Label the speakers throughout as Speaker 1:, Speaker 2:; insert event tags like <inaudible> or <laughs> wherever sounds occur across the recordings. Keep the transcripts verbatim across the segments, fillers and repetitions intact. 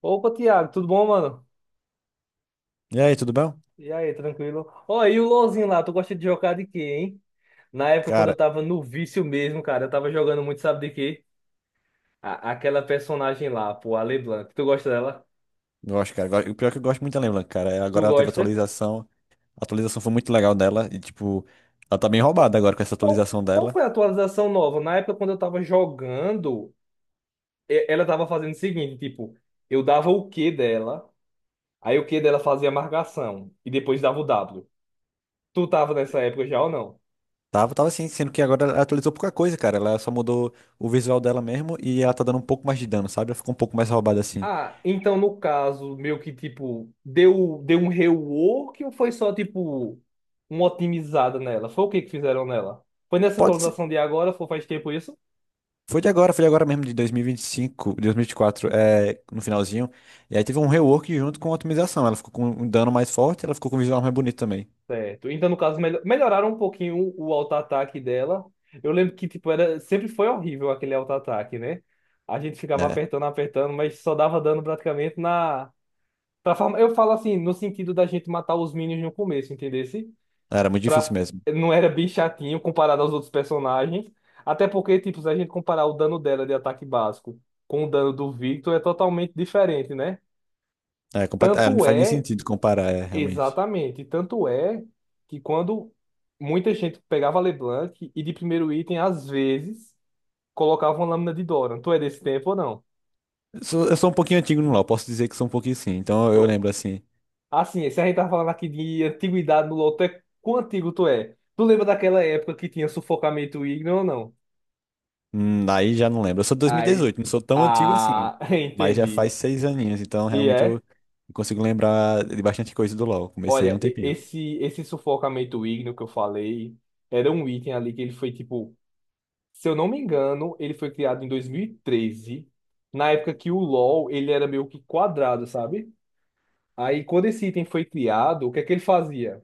Speaker 1: Opa, Thiago, tudo bom, mano?
Speaker 2: E aí, tudo bem?
Speaker 1: E aí, tranquilo? Ó, e o LoLzinho lá, tu gosta de jogar de quê, hein? Na época, quando
Speaker 2: Cara,
Speaker 1: eu tava no vício mesmo, cara, eu tava jogando muito, sabe de quê? A- aquela personagem lá, pô, a LeBlanc. Tu gosta dela?
Speaker 2: gosto, cara. Gosto- O pior é que eu gosto muito da Leblanc, cara. É,
Speaker 1: Tu
Speaker 2: agora ela teve
Speaker 1: gosta?
Speaker 2: atualização. A atualização foi muito legal dela. E, tipo, ela tá bem
Speaker 1: Qual,
Speaker 2: roubada agora com essa
Speaker 1: qual,
Speaker 2: atualização
Speaker 1: qual
Speaker 2: dela.
Speaker 1: foi a atualização nova? Na época, quando eu tava jogando, e- ela tava fazendo o seguinte, tipo, eu dava o Q dela, aí o Q dela fazia marcação, e depois dava o W. Tu tava nessa época já ou não?
Speaker 2: Tava, tava assim, sendo que agora ela atualizou pouca coisa, cara. Ela só mudou o visual dela mesmo e ela tá dando um pouco mais de dano, sabe? Ela ficou um pouco mais roubada assim.
Speaker 1: Ah, então, no caso, meio que tipo, deu, deu um rework ou foi só tipo uma otimizada nela? Foi o que que fizeram nela? Foi nessa
Speaker 2: Pode ser.
Speaker 1: atualização de agora, foi faz tempo isso?
Speaker 2: Foi de agora, foi de agora mesmo, de dois mil e vinte e cinco, de dois mil e vinte e quatro, é, no finalzinho. E aí teve um rework junto com a otimização. Ela ficou com um dano mais forte, ela ficou com um visual mais bonito também.
Speaker 1: Certo. Então, no caso, melho- melhoraram um pouquinho o auto-ataque dela. Eu lembro que tipo era sempre foi horrível aquele auto-ataque, né? A gente ficava
Speaker 2: É,
Speaker 1: apertando, apertando, mas só dava dano praticamente na pra forma- eu falo assim, no sentido da gente matar os minions no começo, entendeu?
Speaker 2: era muito difícil
Speaker 1: pra...
Speaker 2: mesmo.
Speaker 1: não era bem chatinho comparado aos outros personagens. Até porque, tipo, se a gente comparar o dano dela de ataque básico com o dano do Victor, é totalmente diferente, né?
Speaker 2: É, complet... é, não
Speaker 1: Tanto
Speaker 2: faz nem
Speaker 1: é,
Speaker 2: sentido comparar, é, realmente.
Speaker 1: exatamente, tanto é que quando muita gente pegava a LeBlanc e de primeiro item, às vezes, colocava uma lâmina de Doran. Tu é desse tempo ou não?
Speaker 2: Eu sou, eu sou um pouquinho antigo no LoL, posso dizer que sou um pouquinho sim. Então eu
Speaker 1: Tu-
Speaker 2: lembro assim.
Speaker 1: Assim, se a gente tá falando aqui de antiguidade no LoL, tu é... quão antigo tu é? Tu lembra daquela época que tinha sufocamento ígneo ou não?
Speaker 2: Hum, aí já não lembro. Eu sou de dois mil e
Speaker 1: Aí,
Speaker 2: dezoito. Não sou tão antigo assim.
Speaker 1: ah, <laughs>
Speaker 2: Mas já
Speaker 1: entendi.
Speaker 2: faz seis aninhos, então
Speaker 1: E
Speaker 2: realmente eu
Speaker 1: é,
Speaker 2: consigo lembrar de bastante coisa do LoL. Comecei há
Speaker 1: olha,
Speaker 2: um
Speaker 1: e-
Speaker 2: tempinho.
Speaker 1: esse esse sufocamento ígneo que eu falei era um item ali que ele foi tipo, se eu não me engano, ele foi criado em dois mil e treze, na época que o LoL ele era meio que quadrado, sabe? Aí quando esse item foi criado, o que é que ele fazia?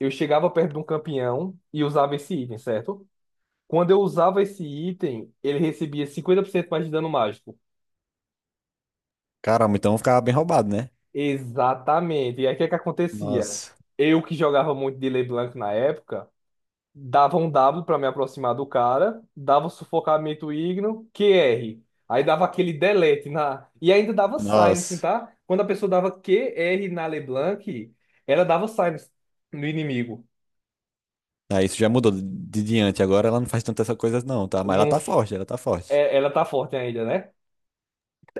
Speaker 1: Eu chegava perto de um campeão e usava esse item, certo? Quando eu usava esse item, ele recebia cinquenta por cento mais de dano mágico.
Speaker 2: Caramba, então eu ficava bem roubado, né?
Speaker 1: Exatamente. E aí o que é que acontecia?
Speaker 2: Nossa,
Speaker 1: Eu que jogava muito de LeBlanc na época, dava um W pra me aproximar do cara, dava o sufocamento igno, Q R. Aí dava aquele delete na. E ainda dava silence,
Speaker 2: nossa.
Speaker 1: tá? Quando a pessoa dava Q R na LeBlanc, ela dava silence no inimigo.
Speaker 2: Ah, isso já mudou de de diante. Agora ela não faz tantas essas coisas não, tá? Mas ela
Speaker 1: Não...
Speaker 2: tá forte, ela tá forte.
Speaker 1: é- ela tá forte ainda, né?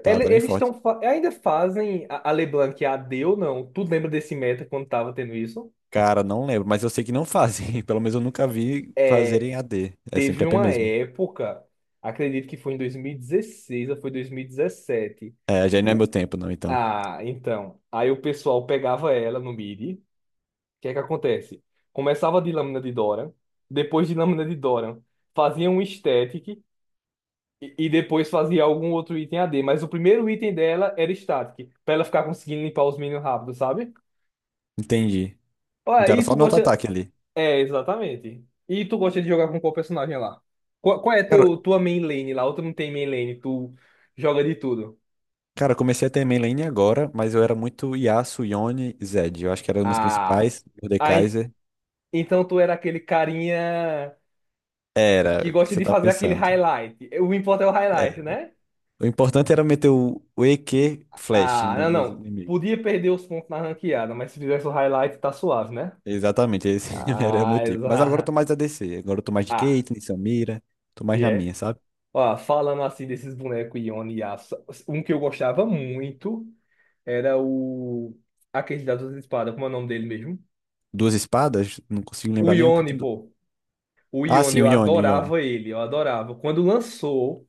Speaker 2: Tá,
Speaker 1: Ele-
Speaker 2: tá bem
Speaker 1: Eles
Speaker 2: forte.
Speaker 1: estão. Ainda fazem a a LeBlanc a AD ou não? Tu lembra desse meta quando tava tendo isso?
Speaker 2: Cara, não lembro, mas eu sei que não fazem. <laughs> Pelo menos eu nunca vi
Speaker 1: É.
Speaker 2: fazerem A D. É sempre
Speaker 1: Teve
Speaker 2: A P
Speaker 1: uma
Speaker 2: mesmo.
Speaker 1: época, acredito que foi em dois mil e dezesseis ou foi dois mil e dezessete.
Speaker 2: É, já não é
Speaker 1: O-
Speaker 2: meu tempo, não, então.
Speaker 1: Ah, então. Aí o pessoal pegava ela no mid. O que é que acontece? Começava de Lâmina de Dora, depois de Lâmina de Dora, fazia um static e, e depois fazia algum outro item a d. Mas o primeiro item dela era static, pra ela ficar conseguindo limpar os minions rápido, sabe?
Speaker 2: Entendi.
Speaker 1: Olha,
Speaker 2: Então era
Speaker 1: e
Speaker 2: só
Speaker 1: tu
Speaker 2: no
Speaker 1: gosta.
Speaker 2: auto-ataque ali.
Speaker 1: É, exatamente. E tu gosta de jogar com qual personagem lá? Qual, qual é
Speaker 2: Cara,
Speaker 1: teu, tua main lane lá? Ou tu não tem main lane, tu joga de tudo.
Speaker 2: cara, eu comecei a ter main lane agora, mas eu era muito Yasuo, Yone e Zed. Eu acho que eram umas
Speaker 1: Ah,
Speaker 2: principais.
Speaker 1: ah, en-
Speaker 2: Mordekaiser.
Speaker 1: então tu era aquele carinha
Speaker 2: Era,
Speaker 1: que
Speaker 2: o que
Speaker 1: gosta
Speaker 2: você
Speaker 1: de
Speaker 2: tá
Speaker 1: fazer aquele
Speaker 2: pensando.
Speaker 1: highlight. O importante é o
Speaker 2: É.
Speaker 1: highlight, né?
Speaker 2: O importante era meter o, o E Q Flash
Speaker 1: Ah,
Speaker 2: no-
Speaker 1: não,
Speaker 2: nos
Speaker 1: não.
Speaker 2: inimigos.
Speaker 1: Podia perder os pontos na ranqueada, mas se fizesse o highlight, tá suave, né?
Speaker 2: Exatamente, esse <laughs> era o meu
Speaker 1: Ah,
Speaker 2: tipo. Mas agora eu tô
Speaker 1: exato. <laughs>
Speaker 2: mais A D C. Agora eu tô mais de
Speaker 1: Ah,
Speaker 2: Caitlyn, Samira. Tô mais
Speaker 1: e
Speaker 2: na
Speaker 1: é.
Speaker 2: minha, sabe?
Speaker 1: Ó, falando assim desses bonecos Yone e Yasuo, um que eu gostava muito. Era o. Aquele das duas espadas, como é o nome dele mesmo?
Speaker 2: Duas espadas, não consigo
Speaker 1: O
Speaker 2: lembrar nenhum que
Speaker 1: Ione,
Speaker 2: tem. Du-
Speaker 1: pô. O
Speaker 2: Ah,
Speaker 1: Ione,
Speaker 2: sim, o
Speaker 1: eu
Speaker 2: Yone, o Yone.
Speaker 1: adorava ele, eu adorava. Quando lançou,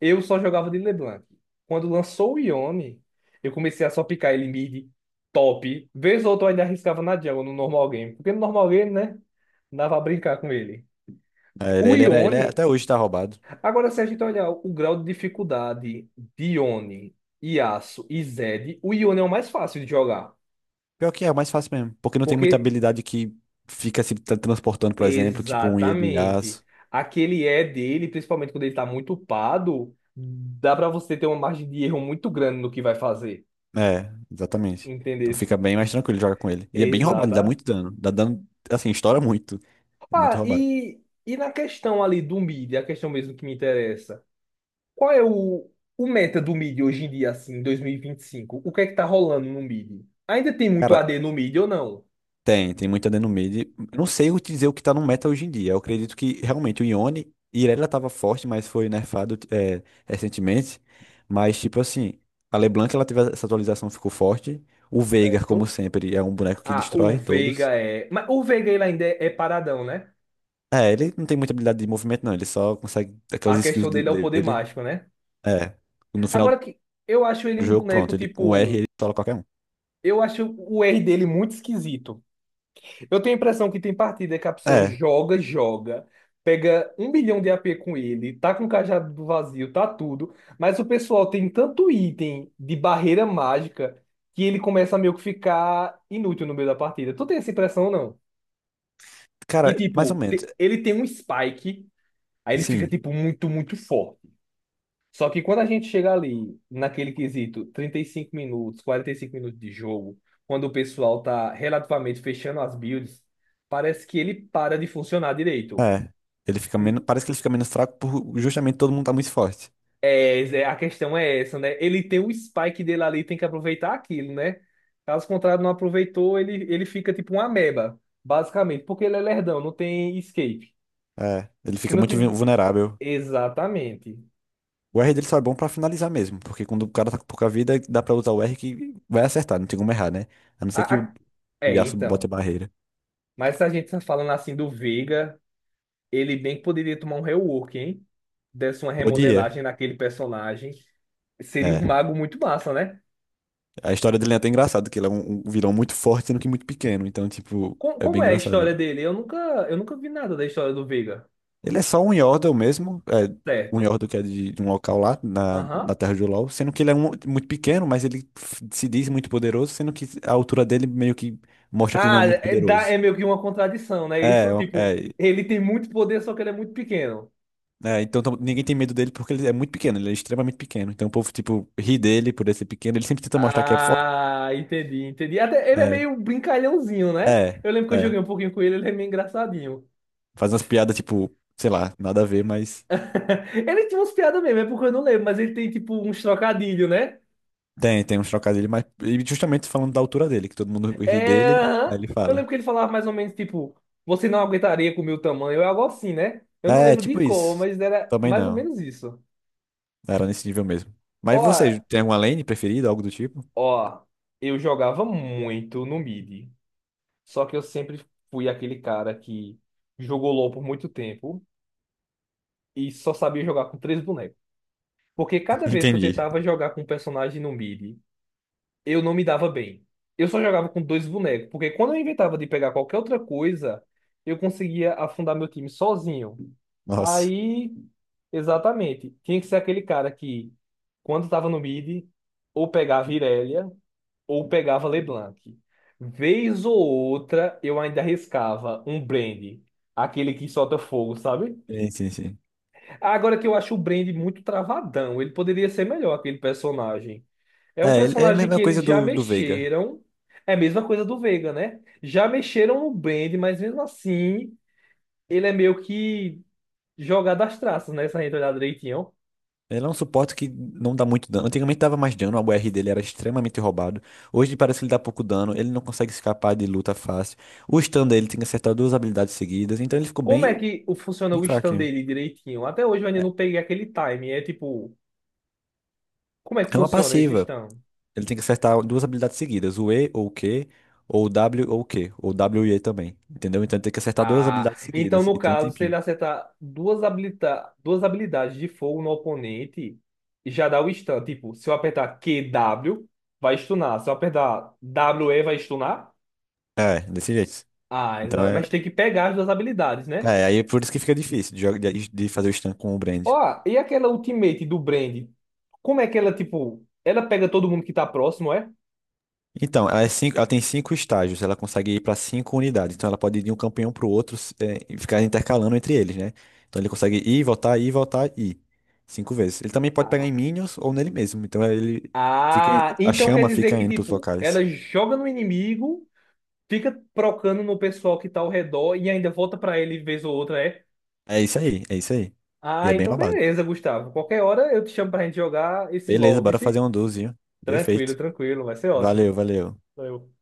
Speaker 1: eu só jogava de LeBlanc. Quando lançou o Ione, eu comecei a só picar ele mid, top. Vez ou outra eu ainda arriscava na jungle, no normal game. Porque no normal game, né? Dava pra brincar com ele.
Speaker 2: É, Ele,
Speaker 1: O
Speaker 2: ele era, ele é-
Speaker 1: Ione,
Speaker 2: até hoje tá roubado.
Speaker 1: agora se a gente olhar o grau de dificuldade de Ione, Yasuo e Zed, o Ione é o mais fácil de jogar.
Speaker 2: Pior que é, é mais fácil mesmo. Porque não tem muita
Speaker 1: Porque
Speaker 2: habilidade que fica se tra- transportando, por exemplo, tipo um Iedo
Speaker 1: Exatamente.
Speaker 2: Yasuo.
Speaker 1: Aquele é dele, principalmente quando ele tá muito upado, dá pra você ter uma margem de erro muito grande no que vai fazer.
Speaker 2: É, exatamente. Então fica
Speaker 1: Entendesse?
Speaker 2: bem mais tranquilo jogar com ele. E é bem roubado, ele dá
Speaker 1: Exata.
Speaker 2: muito dano. Dá dano, assim, estoura muito. É muito
Speaker 1: Ah,
Speaker 2: roubado.
Speaker 1: e, e na questão ali do mid, a questão mesmo que me interessa. Qual é o, o meta do mid hoje em dia, assim, em dois mil e vinte e cinco? O que é que tá rolando no mid? Ainda tem muito
Speaker 2: Cara,
Speaker 1: A D no mid ou não?
Speaker 2: tem, tem muita dano mid. Eu não sei o- dizer o que tá no meta hoje em dia. Eu acredito que realmente o Yone, Irelia tava forte, mas foi nerfado é, recentemente. Mas, tipo assim, a LeBlanc, ela teve essa atualização, ficou forte. O Veigar, como
Speaker 1: Certo?
Speaker 2: sempre, é um boneco que
Speaker 1: Ah, o
Speaker 2: destrói todos.
Speaker 1: Veiga é. Mas o Veiga ele ainda é, é paradão, né?
Speaker 2: É, ele não tem muita habilidade de movimento, não. Ele só consegue aquelas
Speaker 1: A
Speaker 2: skills
Speaker 1: questão
Speaker 2: de-
Speaker 1: dele é o poder
Speaker 2: dele.
Speaker 1: mágico, né?
Speaker 2: É. No final
Speaker 1: Agora que eu acho ele
Speaker 2: do
Speaker 1: um
Speaker 2: jogo,
Speaker 1: boneco,
Speaker 2: pronto. Ele com o R
Speaker 1: tipo.
Speaker 2: ele tola qualquer um.
Speaker 1: Eu acho o R dele muito esquisito. Eu tenho a impressão que tem partida que a pessoa
Speaker 2: É.
Speaker 1: joga, joga, pega um milhão de A P com ele, tá com o cajado do vazio, tá tudo. Mas o pessoal tem tanto item de barreira mágica que ele começa a meio que ficar inútil no meio da partida. Tu tem essa impressão, ou não?
Speaker 2: Cara,
Speaker 1: Que,
Speaker 2: mais ou
Speaker 1: tipo,
Speaker 2: menos.
Speaker 1: te- ele tem um spike, aí ele fica,
Speaker 2: Sim.
Speaker 1: tipo, muito, muito forte. Só que quando a gente chega ali, naquele quesito, trinta e cinco minutos, quarenta e cinco minutos de jogo, quando o pessoal tá relativamente fechando as builds, parece que ele para de funcionar direito.
Speaker 2: É. Ele fica menos. Parece que ele fica menos fraco por justamente todo mundo tá muito forte.
Speaker 1: É, Zé, a questão é essa, né? Ele tem o spike dele ali, tem que aproveitar aquilo, né? Caso contrário, não aproveitou, ele, ele fica tipo uma ameba, basicamente, porque ele é lerdão, não tem escape.
Speaker 2: É. Ele
Speaker 1: Se
Speaker 2: fica
Speaker 1: não
Speaker 2: muito vu-
Speaker 1: tiver.
Speaker 2: vulnerável.
Speaker 1: Exatamente.
Speaker 2: O R dele só é bom pra finalizar mesmo. Porque quando o cara tá com pouca vida, dá pra usar o R que vai acertar. Não tem como errar, né? A não
Speaker 1: A-
Speaker 2: ser que o
Speaker 1: a-
Speaker 2: o
Speaker 1: É,
Speaker 2: Yasuo bote
Speaker 1: então.
Speaker 2: a barreira.
Speaker 1: Mas se a gente tá falando assim do Veiga. Ele bem que poderia tomar um rework, hein? Desse uma
Speaker 2: Podia.
Speaker 1: remodelagem naquele personagem. Seria
Speaker 2: É.
Speaker 1: um mago muito massa, né?
Speaker 2: A história dele é até engraçada, que ele é um, um vilão muito forte, sendo que muito pequeno. Então, tipo,
Speaker 1: Com-
Speaker 2: é bem
Speaker 1: Como é a
Speaker 2: engraçado.
Speaker 1: história dele? Eu nunca, eu nunca vi nada da história do Veiga.
Speaker 2: Ele é só um Yordle mesmo. É, um
Speaker 1: Certo.
Speaker 2: Yordle que é de, de um local lá, na,
Speaker 1: Aham.
Speaker 2: na Terra de LoL. Sendo que ele é um, muito pequeno, mas ele f- se diz muito poderoso. Sendo que a altura dele meio que mostra que ele não é
Speaker 1: Ah,
Speaker 2: muito
Speaker 1: é, dá-
Speaker 2: poderoso.
Speaker 1: é meio que uma contradição, né?
Speaker 2: É,
Speaker 1: Isso,
Speaker 2: o-
Speaker 1: tipo,
Speaker 2: é.
Speaker 1: ele tem muito poder, só que ele é muito pequeno.
Speaker 2: É, então tam- ninguém tem medo dele porque ele é muito pequeno, ele é extremamente pequeno. Então o povo, tipo, ri dele por ele ser pequeno. Ele sempre tenta mostrar que é forte.
Speaker 1: Ah, entendi, entendi. Até ele é
Speaker 2: É,
Speaker 1: meio brincalhãozinho, né?
Speaker 2: é,
Speaker 1: Eu lembro que eu
Speaker 2: é.
Speaker 1: joguei um pouquinho com ele, ele é meio engraçadinho.
Speaker 2: Faz umas piadas, tipo, sei lá, nada a ver, mas.
Speaker 1: <laughs> Ele tinha umas piadas mesmo, é porque eu não lembro, mas ele tem tipo uns trocadilhos, né?
Speaker 2: Tem, tem uns trocadilhos, mas e justamente falando da altura dele, que todo mundo ri
Speaker 1: É,
Speaker 2: dele, aí
Speaker 1: aham.
Speaker 2: ele
Speaker 1: Eu
Speaker 2: fala.
Speaker 1: lembro que ele falava mais ou menos tipo, você não aguentaria com o meu tamanho, é algo assim, né? Eu não
Speaker 2: É,
Speaker 1: lembro de
Speaker 2: tipo
Speaker 1: cor,
Speaker 2: isso.
Speaker 1: mas era
Speaker 2: Também
Speaker 1: mais ou
Speaker 2: não.
Speaker 1: menos isso.
Speaker 2: Era nesse nível mesmo.
Speaker 1: Ó,
Speaker 2: Mas você tem alguma lane preferida, algo do tipo?
Speaker 1: ó, eu jogava muito no mid, só que eu sempre fui aquele cara que jogou LoL por muito tempo e só sabia jogar com três bonecos. Porque
Speaker 2: <laughs>
Speaker 1: cada vez que eu
Speaker 2: Entendi.
Speaker 1: tentava jogar com um personagem no mid, eu não me dava bem. Eu só jogava com dois bonecos, porque quando eu inventava de pegar qualquer outra coisa, eu conseguia afundar meu time sozinho.
Speaker 2: Nossa.
Speaker 1: Aí, exatamente, tinha que ser aquele cara que, quando estava no mid, ou pegava Irelia, ou pegava LeBlanc. Vez ou outra, eu ainda arriscava um Brand, aquele que solta fogo, sabe?
Speaker 2: Sim, sim, sim.
Speaker 1: Agora que eu acho o Brand muito travadão, ele poderia ser melhor aquele personagem. É um
Speaker 2: É, ele- é a
Speaker 1: personagem
Speaker 2: mesma
Speaker 1: que
Speaker 2: coisa
Speaker 1: eles já
Speaker 2: do, do Veiga.
Speaker 1: mexeram. É a mesma coisa do Vega, né? Já mexeram no Brand, mas mesmo assim, ele é meio que jogado às traças, né? Se a gente olhar direitinho.
Speaker 2: Ele é um suporte que não dá muito dano. Antigamente dava mais dano, a U R dele era extremamente roubado. Hoje parece que ele dá pouco dano, ele não consegue escapar de luta fácil. O stun dele tem que acertar duas habilidades seguidas, então ele ficou
Speaker 1: Como é
Speaker 2: bem,
Speaker 1: que o- funciona
Speaker 2: bem
Speaker 1: o stand
Speaker 2: fraquinho.
Speaker 1: dele direitinho? Até hoje eu ainda não peguei aquele time. É tipo, como é que
Speaker 2: É uma
Speaker 1: funciona esse
Speaker 2: passiva.
Speaker 1: stand?
Speaker 2: Ele tem que acertar duas habilidades seguidas, o E ou o Q, ou o W ou o Q, ou W e E também, entendeu? Então ele tem que acertar duas
Speaker 1: Ah,
Speaker 2: habilidades
Speaker 1: então
Speaker 2: seguidas e
Speaker 1: no
Speaker 2: tem um
Speaker 1: caso, se ele
Speaker 2: tempinho.
Speaker 1: acertar duas, habilita duas habilidades de fogo no oponente, já dá o stun. Tipo, se eu apertar Q W vai stunar. Se eu apertar W E vai stunar.
Speaker 2: É, desse jeito.
Speaker 1: Ah,
Speaker 2: Então
Speaker 1: exa-
Speaker 2: é,
Speaker 1: mas tem que pegar as duas habilidades, né?
Speaker 2: é aí é por isso que fica difícil de, joga- de- de fazer o stun com o Brand.
Speaker 1: Ó, e aquela ultimate do Brand? Como é que ela, tipo, ela pega todo mundo que tá próximo, é?
Speaker 2: Então, ela, é cinco- ela tem cinco estágios, ela consegue ir para cinco unidades. Então ela pode ir de um campeão pro outro s- é, e ficar intercalando entre eles, né? Então ele consegue ir, voltar, ir, voltar, ir. Cinco vezes. Ele também pode pegar
Speaker 1: Ah,
Speaker 2: em minions ou nele mesmo. Então ele fica, em-
Speaker 1: ah,
Speaker 2: a
Speaker 1: então quer
Speaker 2: chama
Speaker 1: dizer
Speaker 2: fica
Speaker 1: que,
Speaker 2: indo pros
Speaker 1: tipo,
Speaker 2: locais.
Speaker 1: ela joga no inimigo, fica procando no pessoal que tá ao redor e ainda volta pra ele vez ou outra, é?
Speaker 2: É isso aí, é isso aí. E é
Speaker 1: Ah,
Speaker 2: bem
Speaker 1: então
Speaker 2: roubado.
Speaker 1: beleza, Gustavo. Qualquer hora eu te chamo pra gente jogar esse
Speaker 2: Beleza,
Speaker 1: LOL,
Speaker 2: bora fazer
Speaker 1: vice?
Speaker 2: um duzinho.
Speaker 1: Tranquilo,
Speaker 2: Perfeito.
Speaker 1: tranquilo, vai ser ótimo.
Speaker 2: Valeu, valeu.
Speaker 1: Valeu.